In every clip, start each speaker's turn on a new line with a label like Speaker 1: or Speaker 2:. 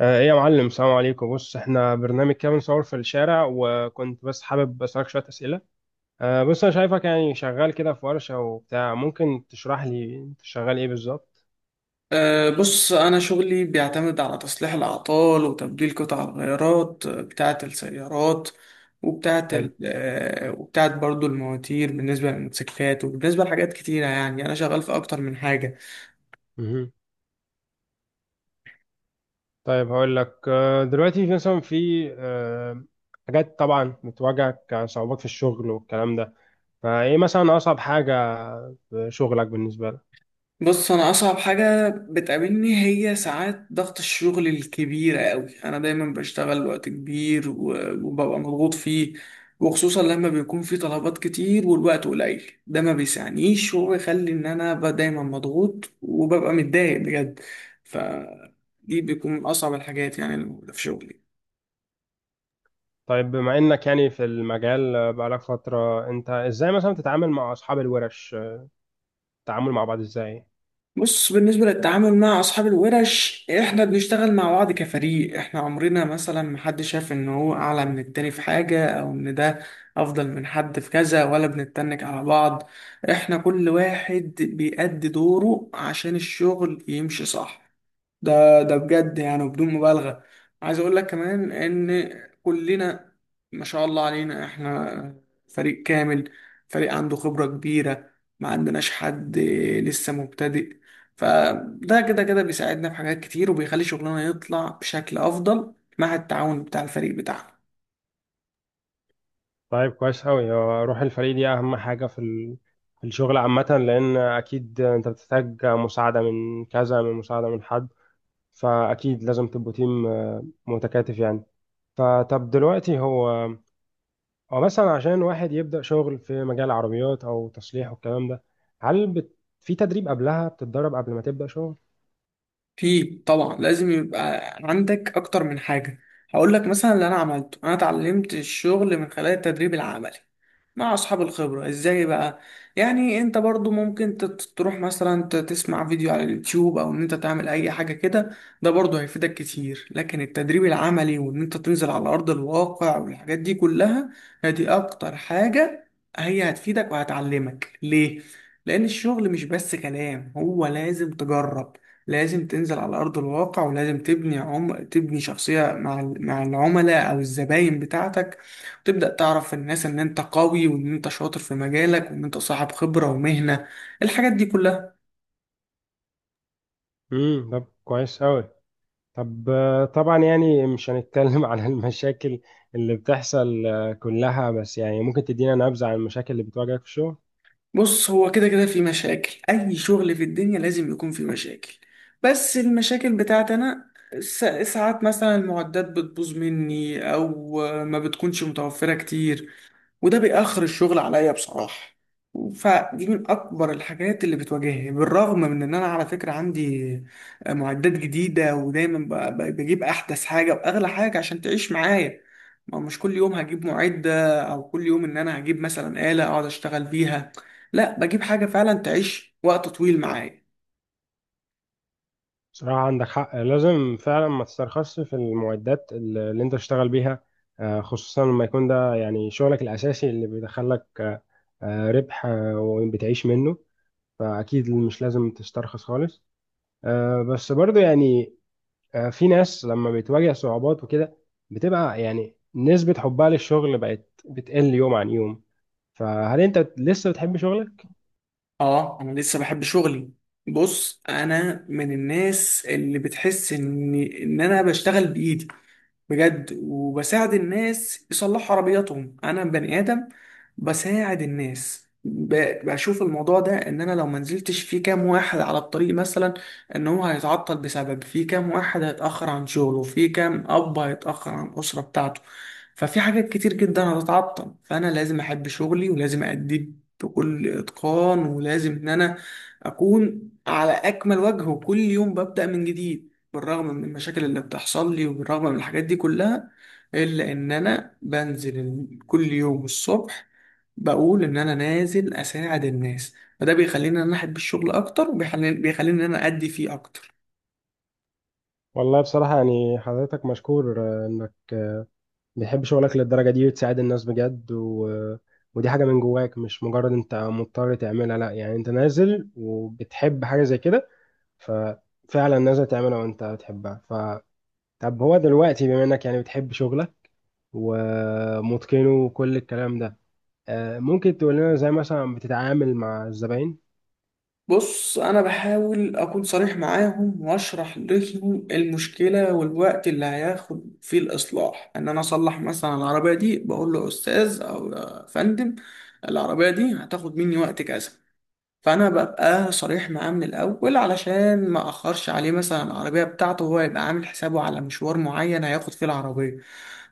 Speaker 1: ايه يا معلم، السلام عليكم. بص، احنا برنامج كده بنصور في الشارع وكنت بس حابب اسالك شويه اسئله. بص انا شايفك يعني شغال كده في ورشه وبتاع. ممكن تشرح لي انت شغال ايه بالظبط؟
Speaker 2: بص، أنا شغلي بيعتمد على تصليح الأعطال وتبديل قطع الغيارات بتاعة السيارات وبتاعة
Speaker 1: حلو.
Speaker 2: ال- آه، وبتاعة برضو المواتير بالنسبة للموتوسيكلات، وبالنسبة لحاجات كتيرة، يعني أنا شغال في أكتر من حاجة.
Speaker 1: مهم. طيب، هقول لك، دلوقتي في مثلا في آه، حاجات طبعا بتواجهك كصعوبات في الشغل والكلام ده. فايه مثلا اصعب حاجه في شغلك بالنسبه لك؟
Speaker 2: بص، انا اصعب حاجه بتقابلني هي ساعات ضغط الشغل الكبيره قوي. انا دايما بشتغل وقت كبير، و- وببقى مضغوط فيه، وخصوصا لما بيكون في طلبات كتير والوقت قليل، ده ما بيسعنيش وبيخلي ان انا ابقى دايما مضغوط وببقى متضايق بجد. فدي بيكون من اصعب الحاجات يعني اللي موجودة في شغلي.
Speaker 1: طيب، بما انك يعني في المجال بقالك فتره، انت ازاي مثلا تتعامل مع اصحاب الورش؟ التعامل مع بعض ازاي؟
Speaker 2: بص، بالنسبة للتعامل مع أصحاب الورش، إحنا بنشتغل مع بعض كفريق. إحنا عمرنا مثلا محدش شاف إن هو أعلى من التاني في حاجة أو إن ده أفضل من حد في كذا، ولا بنتنك على بعض. إحنا كل واحد بيأدي دوره عشان الشغل يمشي صح. ده بجد يعني بدون مبالغة. عايز اقول لك كمان ان كلنا ما شاء الله علينا، احنا فريق كامل، فريق عنده خبرة كبيرة، ما عندناش حد لسه مبتدئ. فده كده كده بيساعدنا في حاجات كتير، وبيخلي شغلنا يطلع بشكل افضل مع التعاون بتاع الفريق بتاعنا.
Speaker 1: طيب، كويس أوي. هو روح الفريق دي أهم حاجة في الشغل عامة، لأن أكيد أنت بتحتاج مساعدة من كذا، من مساعدة من حد. فأكيد لازم تبقوا تيم متكاتف يعني. فطب، دلوقتي هو مثلا عشان واحد يبدأ شغل في مجال العربيات أو تصليح والكلام ده، هل في تدريب قبلها؟ بتتدرب قبل ما تبدأ شغل؟
Speaker 2: في طبعا لازم يبقى عندك اكتر من حاجه. هقول لك مثلا اللي انا عملته، انا اتعلمت الشغل من خلال التدريب العملي مع اصحاب الخبره. ازاي بقى؟ يعني انت برضو ممكن تروح مثلا تسمع فيديو على اليوتيوب، او ان انت تعمل اي حاجه كده. ده برضو هيفيدك كتير، لكن التدريب العملي وان انت تنزل على ارض الواقع والحاجات دي كلها هي اكتر حاجه هي هتفيدك وهتعلمك ليه. لان الشغل مش بس كلام، هو لازم تجرب، لازم تنزل على أرض الواقع، ولازم تبني شخصية مع مع العملاء أو الزباين بتاعتك. وتبدأ تعرف الناس إن أنت قوي وإن أنت شاطر في مجالك وإن أنت صاحب خبرة ومهنة، الحاجات دي كلها.
Speaker 1: طب، كويس أوي. طب طبعا يعني مش هنتكلم عن المشاكل اللي بتحصل كلها، بس يعني ممكن تدينا نبذة عن المشاكل اللي بتواجهك في الشغل؟
Speaker 2: بص، هو كده كده في مشاكل، أي شغل في الدنيا لازم يكون في مشاكل. بس المشاكل بتاعتي أنا، س- ساعات مثلا المعدات بتبوظ مني أو ما بتكونش متوفرة كتير، وده بيأخر الشغل عليا بصراحة. فدي من أكبر الحاجات اللي بتواجهني، بالرغم من إن أنا على فكرة عندي معدات جديدة ودايما بجيب أحدث حاجة وأغلى حاجة عشان تعيش معايا. ما مش كل يوم هجيب معدة، أو كل يوم إن أنا هجيب مثلا آلة أقعد أشتغل بيها. لا، بجيب حاجة فعلا تعيش وقت طويل معايا.
Speaker 1: بصراحة عندك حق. لازم فعلا ما تسترخصش في المعدات اللي انت بتشتغل بيها. خصوصا لما يكون ده يعني شغلك الأساسي اللي بيدخلك ربح، وبتعيش منه. فأكيد مش لازم تسترخص خالص. بس برضو يعني، في ناس لما بتواجه صعوبات وكده بتبقى يعني نسبة حبها للشغل بقت بتقل يوم عن يوم. فهل انت لسه بتحب شغلك؟
Speaker 2: آه، أنا لسه بحب شغلي. بص، أنا من الناس اللي بتحس إن أنا بشتغل بإيدي بجد وبساعد الناس يصلحوا عربياتهم. انا بني ادم بساعد الناس، بشوف الموضوع ده ان انا لو ما نزلتش في كام واحد على الطريق مثلا، ان هو هيتعطل، بسبب في كام واحد هيتاخر عن شغله، في كام اب هيتاخر عن الاسره بتاعته. ففي حاجات كتير جدا هتتعطل، فانا لازم احب شغلي ولازم اديه بكل اتقان، ولازم ان انا اكون على اكمل وجه وكل يوم ببدا من جديد. بالرغم من المشاكل اللي بتحصل لي وبالرغم من الحاجات دي كلها، إلا إن أنا بنزل كل يوم الصبح بقول إن أنا نازل أساعد الناس. فده بيخليني إن أنا أحب الشغل أكتر، وبيخليني إن أنا أدي فيه أكتر.
Speaker 1: والله بصراحة يعني، حضرتك مشكور انك بتحب شغلك للدرجة دي وتساعد الناس بجد و... آه، ودي حاجة من جواك، مش مجرد انت مضطر تعملها، لا يعني انت نازل وبتحب حاجة زي كده، ففعلا نازل تعملها وانت بتحبها. طب، هو دلوقتي بما انك يعني بتحب شغلك ومتقنه وكل الكلام ده، ممكن تقول لنا ازاي مثلا بتتعامل مع الزباين؟
Speaker 2: بص، أنا بحاول أكون صريح معاهم وأشرح لهم المشكلة والوقت اللي هياخد فيه الإصلاح. إن أنا أصلح مثلا العربية دي، بقول له أستاذ أو يا فندم، العربية دي هتاخد مني وقت كذا. فانا ببقى صريح معاه من الاول، علشان ما اخرش عليه مثلا العربيه بتاعته، وهو يبقى عامل حسابه على مشوار معين هياخد فيه العربيه.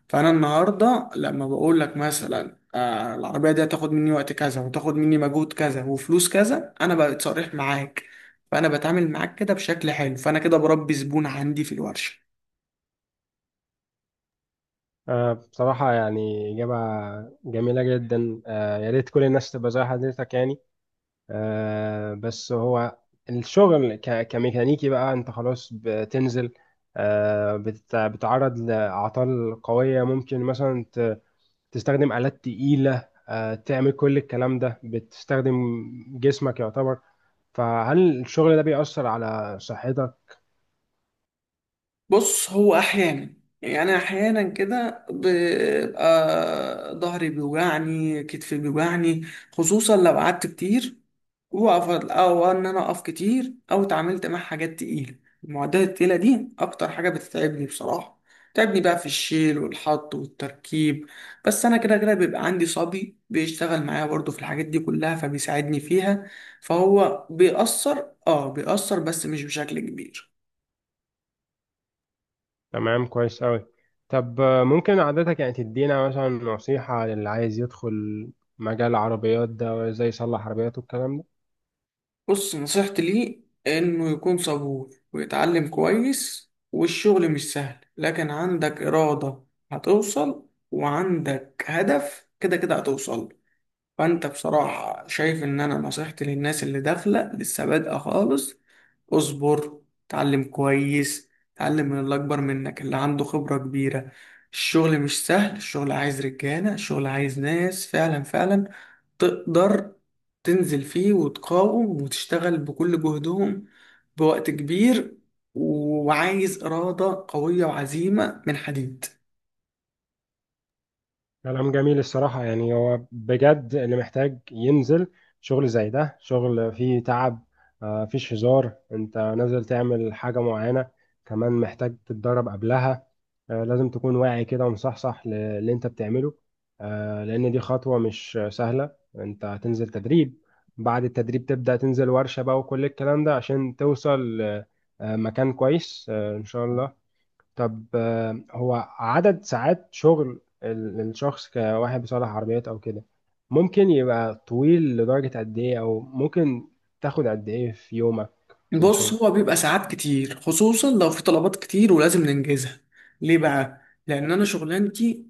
Speaker 2: فانا النهارده لما بقول لك مثلا العربيه دي هتاخد مني وقت كذا، وتاخد مني مجهود كذا وفلوس كذا، انا بقيت صريح معاك. فانا بتعامل معاك كده بشكل حلو، فانا كده بربي زبون عندي في الورشه.
Speaker 1: بصراحة يعني إجابة جميلة جدا. يا ريت كل الناس تبقى زي حضرتك يعني. بس هو الشغل كميكانيكي بقى، أنت خلاص بتنزل بتتعرض لأعطال قوية، ممكن مثلا تستخدم آلات تقيلة، تعمل كل الكلام ده بتستخدم جسمك يعتبر. فهل الشغل ده بيأثر على صحتك؟
Speaker 2: بص، هو احيانا كده بيبقى ظهري بيوجعني، كتفي بيوجعني، خصوصا لو قعدت كتير واقف، او ان انا اقف كتير، او اتعاملت مع حاجات تقيله. المعدات التقيله دي اكتر حاجه بتتعبني بصراحه، بتتعبني بقى في الشيل والحط والتركيب. بس انا كده كده بيبقى عندي صبي بيشتغل معايا برضو في الحاجات دي كلها، فبيساعدني فيها. فهو بيأثر، بس مش بشكل كبير.
Speaker 1: تمام، كويس أوي. طب ممكن عادتك يعني تدينا مثلا نصيحة للي عايز يدخل مجال العربيات ده وازاي يصلح عربياته والكلام ده؟
Speaker 2: بص، نصيحتي ليه إنه يكون صبور ويتعلم كويس، والشغل مش سهل لكن عندك إرادة هتوصل، وعندك هدف كده كده هتوصل. فأنت بصراحة شايف إن أنا نصيحتي للناس اللي داخلة لسه بادئة خالص. اصبر، اتعلم كويس، اتعلم من اللي أكبر منك، اللي عنده خبرة كبيرة. الشغل مش سهل، الشغل عايز رجالة، الشغل عايز ناس فعلا فعلا تقدر تنزل فيه وتقاوم وتشتغل بكل جهدهم، بوقت كبير. وعايز إرادة قوية وعزيمة من حديد.
Speaker 1: كلام جميل الصراحة، يعني هو بجد اللي محتاج ينزل شغل زي ده، شغل فيه تعب. مفيش هزار، انت نازل تعمل حاجة معينة، كمان محتاج تتدرب قبلها. لازم تكون واعي كده ومصحصح للي انت بتعمله، لأن دي خطوة مش سهلة. انت هتنزل تدريب، بعد التدريب تبدأ تنزل ورشة بقى وكل الكلام ده عشان توصل مكان كويس، إن شاء الله. طب هو عدد ساعات شغل الشخص كواحد بيصلح عربيات او كده ممكن يبقى طويل لدرجة قد ايه؟ او ممكن تاخد قد ايه في يومك في
Speaker 2: بص،
Speaker 1: الشغل؟
Speaker 2: هو بيبقى ساعات كتير خصوصا لو في طلبات كتير ولازم ننجزها. ليه بقى؟ لأن أنا شغلانتي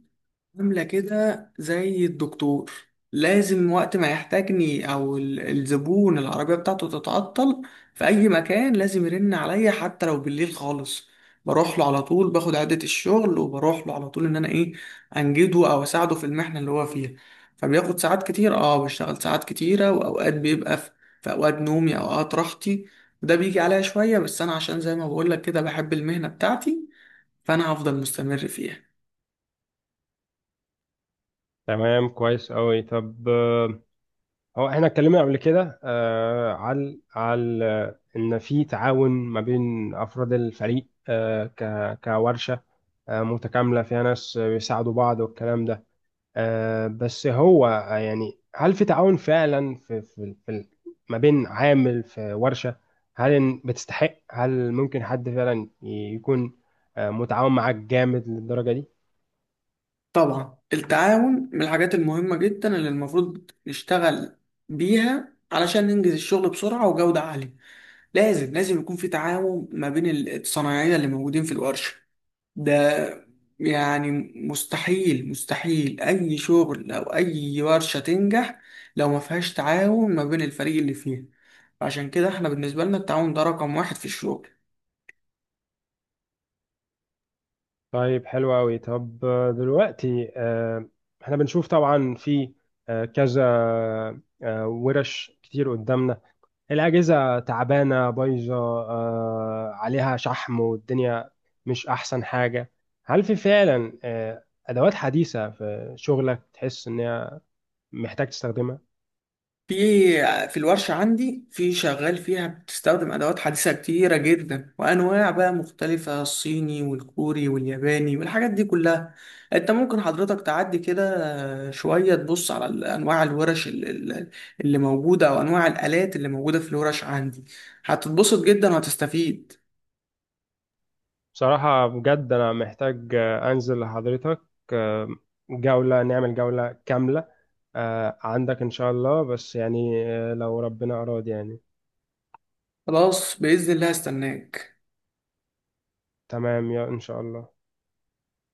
Speaker 2: عاملة كده زي الدكتور، لازم وقت ما يحتاجني أو الزبون العربية بتاعته تتعطل في أي مكان، لازم يرن عليا حتى لو بالليل خالص، بروح له على طول، باخد عدة الشغل وبروح له على طول إن أنا إيه أنجده أو أساعده في المحنة اللي هو فيها. فبياخد ساعات كتير، بشتغل ساعات كتيرة، وأوقات بيبقى في أوقات نومي، أوقات راحتي، وده بيجي عليا شوية بس أنا عشان زي ما بقولك كده بحب المهنة بتاعتي، فأنا هفضل مستمر فيها.
Speaker 1: تمام، كويس قوي. طب هو احنا اتكلمنا قبل كده على ان في تعاون ما بين افراد الفريق، آه ك كورشة متكاملة، فيها ناس بيساعدوا بعض والكلام ده. بس هو يعني هل في تعاون فعلا ما بين عامل في ورشة؟ هل بتستحق؟ هل ممكن حد فعلا يكون متعاون معاك جامد للدرجة دي؟
Speaker 2: طبعا التعاون من الحاجات المهمة جدا اللي المفروض نشتغل بيها علشان ننجز الشغل بسرعة وجودة عالية. لازم لازم يكون في تعاون ما بين الصنايعية اللي موجودين في الورشة. ده يعني مستحيل مستحيل أي شغل أو أي ورشة تنجح لو ما فيهاش تعاون ما بين الفريق اللي فيها. عشان كده احنا بالنسبة لنا التعاون ده رقم واحد في الشغل.
Speaker 1: طيب، حلو أوي. طب دلوقتي احنا بنشوف طبعا في كذا ورش كتير قدامنا. الأجهزة تعبانة، بايظة، عليها شحم والدنيا مش أحسن حاجة. هل في فعلا أدوات حديثة في شغلك تحس إن هي محتاج تستخدمها؟
Speaker 2: في في الورشة عندي، في شغال فيها بتستخدم أدوات حديثة كتيرة جدا وأنواع بقى مختلفة، الصيني والكوري والياباني والحاجات دي كلها. أنت ممكن حضرتك تعدي كده شوية تبص على أنواع الورش اللي موجودة أو أنواع الآلات اللي موجودة في الورش عندي، هتتبسط جدا وهتستفيد.
Speaker 1: بصراحة بجد أنا محتاج أنزل لحضرتك آه، جولة، نعمل جولة كاملة عندك إن شاء الله، بس يعني لو ربنا أراد يعني.
Speaker 2: خلاص، بإذن الله هستناك.
Speaker 1: تمام، يا إن شاء الله.